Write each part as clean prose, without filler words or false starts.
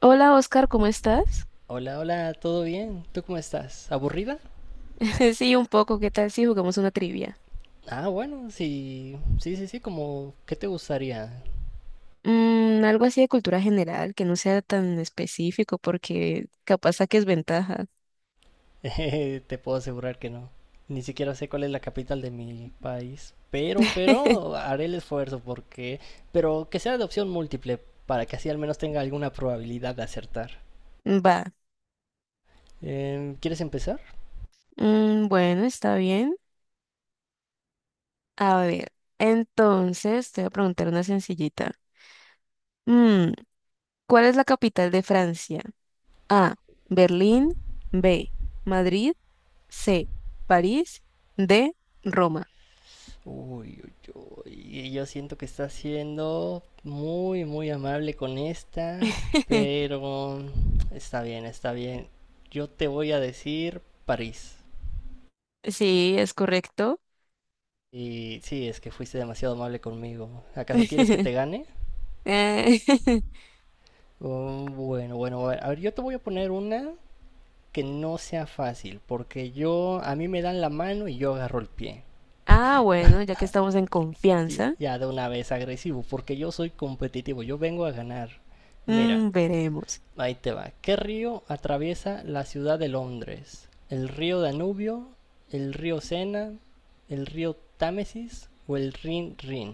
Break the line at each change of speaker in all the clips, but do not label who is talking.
Hola Oscar, ¿cómo estás?
Hola, hola, ¿todo bien? ¿Tú cómo estás? ¿Aburrida?
Sí, un poco, ¿qué tal si jugamos una trivia?
Ah, bueno, sí, sí, sí, sí, como, ¿qué te gustaría?
Algo así de cultura general, que no sea tan específico porque capaz saques ventaja.
Te puedo asegurar que no. Ni siquiera sé cuál es la capital de mi país, pero haré el esfuerzo porque, pero que sea de opción múltiple para que así al menos tenga alguna probabilidad de acertar.
Va.
¿Quieres empezar?
Bueno, está bien. A ver, entonces te voy a preguntar una sencillita. Mm, ¿Cuál es la capital de Francia? A, Berlín, B, Madrid, C, París, D, Roma.
Uy, y yo siento que está siendo muy, muy amable con esta, pero está bien, está bien. Yo te voy a decir París.
Sí, es correcto.
Y sí, es que fuiste demasiado amable conmigo. ¿Acaso quieres que te gane?
Eh,
Oh, bueno, bueno, bueno, a ver, yo te voy a poner una que no sea fácil, porque yo, a mí me dan la mano y yo agarro el pie.
Ah, bueno, ya que estamos en confianza,
Ya de una vez agresivo, porque yo soy competitivo, yo vengo a ganar. Mira,
veremos.
ahí te va. ¿Qué río atraviesa la ciudad de Londres? ¿El río Danubio? ¿El río Sena? ¿El río Támesis? ¿O el Rin Rin?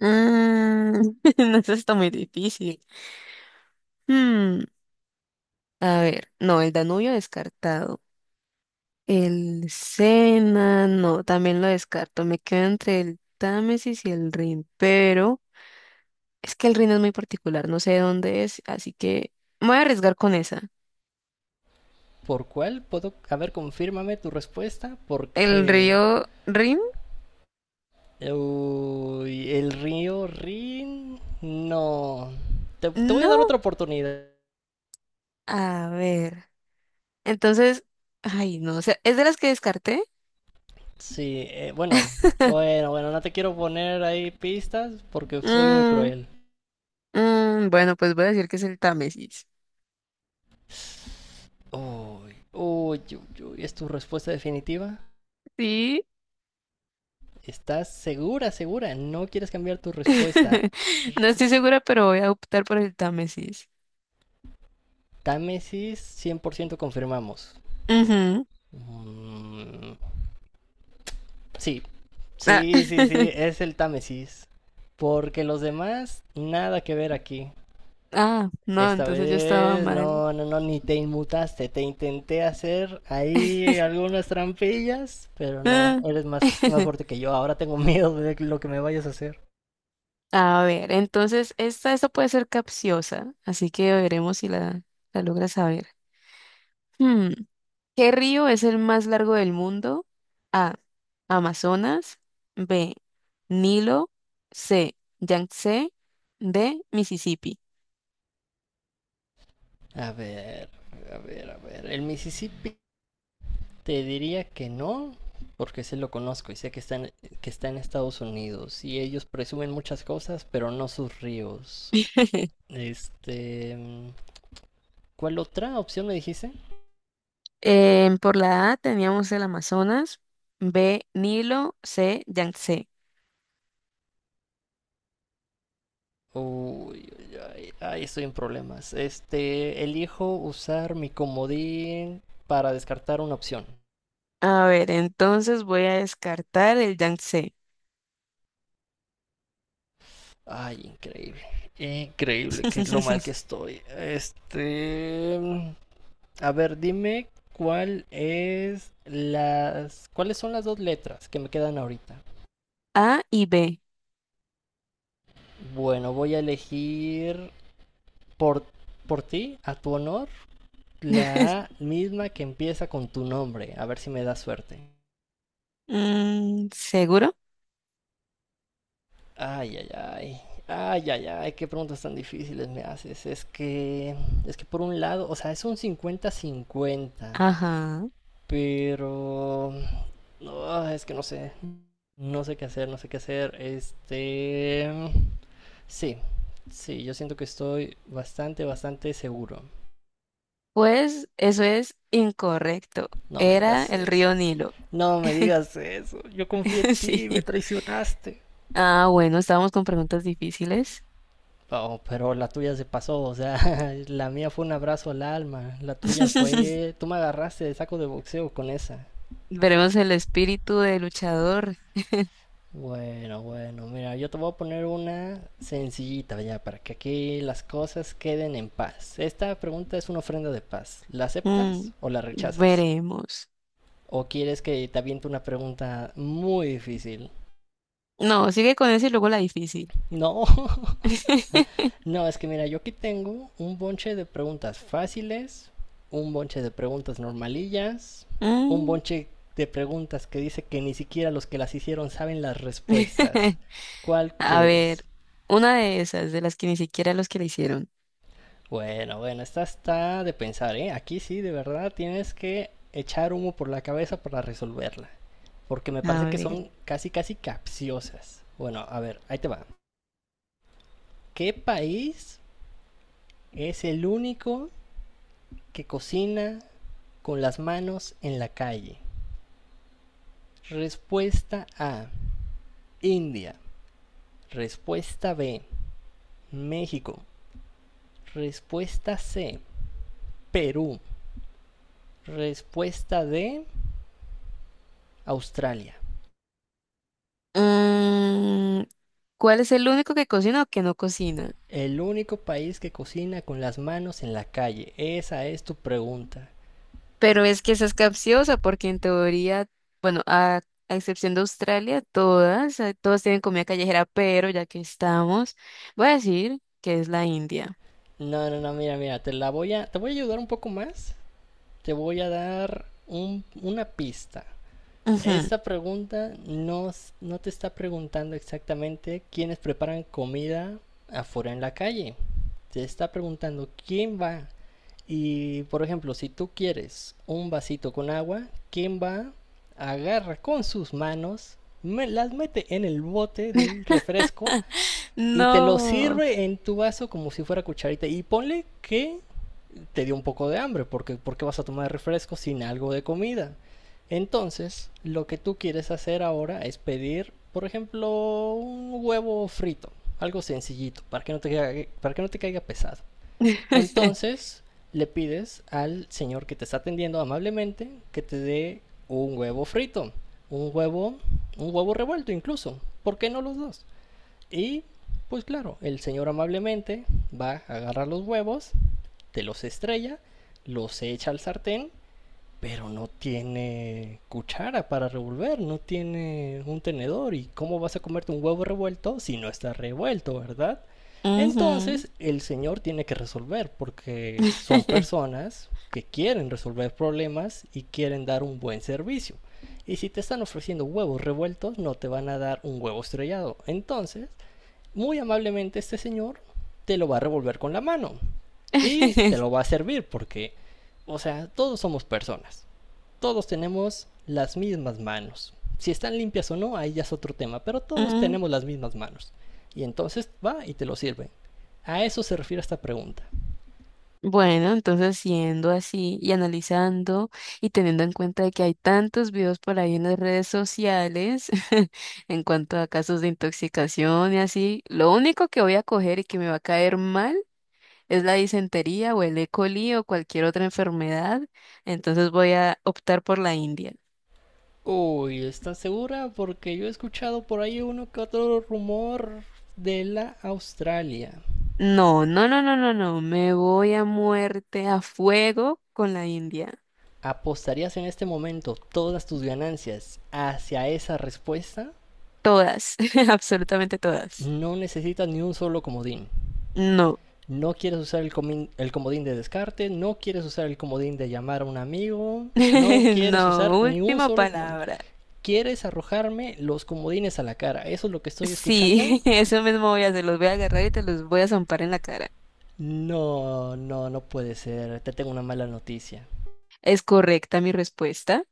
Mm, no, eso está muy difícil. Mm, a ver, no, el Danubio descartado. El Sena, no, también lo descarto. Me quedo entre el Támesis y el Rin, pero es que el Rin es muy particular, no sé de dónde es, así que me voy a arriesgar con esa.
¿Por cuál puedo? A ver, confírmame tu respuesta
¿El
porque...
río Rin?
Uy, el río Rin... No. Te voy a dar otra
No.
oportunidad.
A ver. Entonces, ay, no, o sea, es de las que descarté.
Sí, bueno. Bueno, bueno, no te quiero poner ahí pistas porque soy muy
Mm,
cruel.
Bueno, pues voy a decir que es el Támesis.
Uy, uy, uy, uy, ¿es tu respuesta definitiva?
Sí.
¿Estás segura, segura? ¿No quieres cambiar tu respuesta?
No estoy segura, pero voy a optar por el Támesis.
Támesis, 100% confirmamos.
Ujú.
Mm, sí,
Ah.
sí, sí, sí, es el Támesis. Porque los demás, nada que ver aquí.
Ah, no,
Esta
entonces yo estaba
vez,
mal.
no, no, no, ni te inmutaste. Te intenté hacer ahí algunas trampillas, pero no,
Ah.
eres más, más fuerte que yo. Ahora tengo miedo de lo que me vayas a hacer.
A ver, entonces esta puede ser capciosa, así que veremos si la logras saber. Hmm, ¿Qué río es el más largo del mundo? A. Amazonas. B. Nilo. C. Yangtze. D. Mississippi.
A ver, a ver, a ver. El Mississippi te diría que no, porque se lo conozco y sé que que está en Estados Unidos y ellos presumen muchas cosas, pero no sus ríos. Este, ¿Cuál otra opción me dijiste?
Em, por la A teníamos el Amazonas, B, Nilo, C, Yangtze.
Uy, ay, ay, estoy en problemas. Elijo usar mi comodín para descartar una opción.
A ver, entonces voy a descartar el Yangtze.
Ay, increíble. Increíble que lo mal que estoy. Este, a ver, dime cuáles son las dos letras que me quedan ahorita.
A y B.
Bueno, voy a elegir por, por ti, a tu honor, la A misma que empieza con tu nombre. A ver si me da suerte.
¿Seguro?
Ay, ay, ay. Ay, ay, ay, qué preguntas tan difíciles me haces. Es que por un lado, o sea, es un cincuenta-cincuenta,
Ajá.
pero... No, es que no sé. No sé qué hacer, no sé qué hacer. Este... Sí, sí, yo siento que estoy bastante, bastante seguro.
Pues eso es incorrecto.
No me
Era
digas
el
eso.
río Nilo.
No me digas eso. Yo confié en ti, me
Sí.
traicionaste.
Ah, bueno, estábamos con preguntas difíciles.
Oh, pero la tuya se pasó, o sea, la mía fue un abrazo al alma, la tuya fue... Tú me agarraste de saco de boxeo con esa.
Veremos el espíritu de luchador.
Bueno, bueno, mira, yo te voy a poner una sencillita ya para que aquí las cosas queden en paz. Esta pregunta es una ofrenda de paz. ¿La aceptas
Mm,
o la rechazas?
Veremos.
¿O quieres que te aviente una pregunta muy difícil?
No, sigue con eso y luego la difícil.
No, no, es que mira, yo aquí tengo un bonche de preguntas fáciles, un bonche de preguntas normalillas, un
Mm.
bonche de preguntas que dice que ni siquiera los que las hicieron saben las respuestas. ¿Cuál
A
quieres?
ver, una de esas, de las que ni siquiera los que le hicieron.
Bueno, bueno, esta está de pensar, ¿eh? Aquí sí, de verdad, tienes que echar humo por la cabeza para resolverla. Porque me
A
parece que
ver.
son casi, casi capciosas. Bueno, a ver, ahí te va. ¿Qué país es el único que cocina con las manos en la calle? Respuesta A, India. Respuesta B, México. Respuesta C, Perú. Respuesta D, Australia.
mm, ¿Cuál es el único que cocina o que no cocina?
El único país que cocina con las manos en la calle. Esa es tu pregunta.
Pero es que esa es capciosa porque en teoría, bueno, a excepción de Australia, todas, todas tienen comida callejera, pero ya que estamos, voy a decir que es la India.
No, no, no, mira, mira, te voy a ayudar un poco más. Te voy a dar una pista.
Ujú.
Esta pregunta no, no te está preguntando exactamente quiénes preparan comida afuera en la calle. Te está preguntando quién va. Y por ejemplo, si tú quieres un vasito con agua, ¿quién va? Agarra con sus manos, las mete en el bote del refresco y te lo
No.
sirve en tu vaso como si fuera cucharita. Y ponle que te dio un poco de hambre, porque vas a tomar refresco sin algo de comida. Entonces, lo que tú quieres hacer ahora es pedir, por ejemplo, un huevo frito, algo sencillito, para que no te caiga, para que no te caiga pesado. Entonces, le pides al señor que te está atendiendo amablemente que te dé un huevo frito, un huevo, un huevo revuelto incluso, ¿por qué no los dos? Y pues claro, el señor amablemente va a agarrar los huevos, te los estrella, los echa al sartén, pero no tiene cuchara para revolver, no tiene un tenedor. ¿Y cómo vas a comerte un huevo revuelto si no está revuelto, verdad?
Ujú.
Entonces el señor tiene que resolver porque son personas que quieren resolver problemas y quieren dar un buen servicio. Y si te están ofreciendo huevos revueltos, no te van a dar un huevo estrellado. Entonces, muy amablemente este señor te lo va a revolver con la mano y te lo va a servir porque, o sea, todos somos personas, todos tenemos las mismas manos. Si están limpias o no, ahí ya es otro tema, pero todos
Mm.
tenemos las mismas manos. Y entonces va y te lo sirve. A eso se refiere esta pregunta.
Bueno, entonces siendo así y analizando y teniendo en cuenta de que hay tantos videos por ahí en las redes sociales en cuanto a casos de intoxicación y así, lo único que voy a coger y que me va a caer mal es la disentería o el E. coli o cualquier otra enfermedad, entonces voy a optar por la India.
Uy, ¿estás segura? Porque yo he escuchado por ahí uno que otro rumor de la Australia.
No, no, no, no, no, no, me voy a muerte, a fuego con la India.
¿Apostarías en este momento todas tus ganancias hacia esa respuesta?
Todas, absolutamente todas.
No necesitas ni un solo comodín.
No.
No quieres usar el comodín de descarte, no quieres usar el comodín de llamar a un amigo, no quieres usar
No,
ni un
última
solo comodín.
palabra.
¿Quieres arrojarme los comodines a la cara? ¿Eso es lo que estoy escuchando?
Sí, eso mismo voy a hacer. Los voy a agarrar y te los voy a zampar en la cara.
No, no, no puede ser. Te tengo una mala noticia.
¿Es correcta mi respuesta?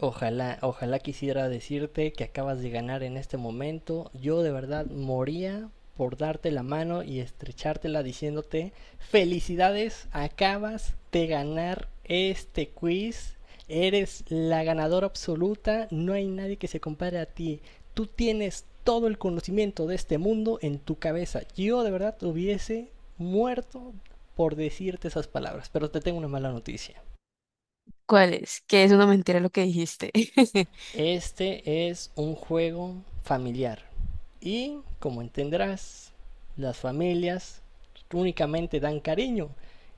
Ojalá, ojalá quisiera decirte que acabas de ganar en este momento. Yo de verdad moría por darte la mano y estrechártela diciéndote felicidades, acabas de ganar este quiz. Eres la ganadora absoluta, no hay nadie que se compare a ti. Tú tienes todo el conocimiento de este mundo en tu cabeza. Yo de verdad hubiese muerto por decirte esas palabras, pero te tengo una mala noticia.
¿Cuál es? Que es una mentira lo que dijiste.
Este es un juego familiar y, como entenderás, las familias únicamente dan cariño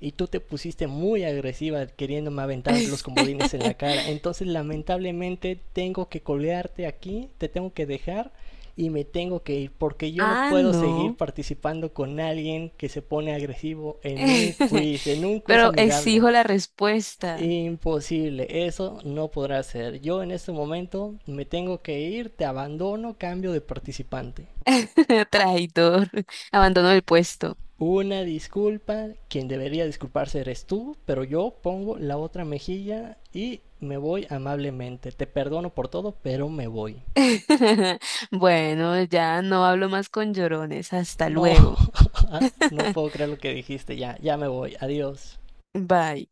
y tú te pusiste muy agresiva queriéndome aventar los comodines en la cara. Entonces, lamentablemente, tengo que colgarte aquí, te tengo que dejar y me tengo que ir porque yo no
Ah,
puedo seguir
no.
participando con alguien que se pone agresivo en un quiz
Pero
amigable.
exijo la respuesta.
Imposible, eso no podrá ser. Yo en este momento me tengo que ir, te abandono, cambio de participante.
Traidor. Abandono el puesto.
Una disculpa, quien debería disculparse eres tú, pero yo pongo la otra mejilla y me voy amablemente. Te perdono por todo, pero me voy.
Bueno, ya no hablo más con llorones. Hasta
No,
luego.
no puedo creer lo que dijiste, ya, ya me voy, adiós.
Bye.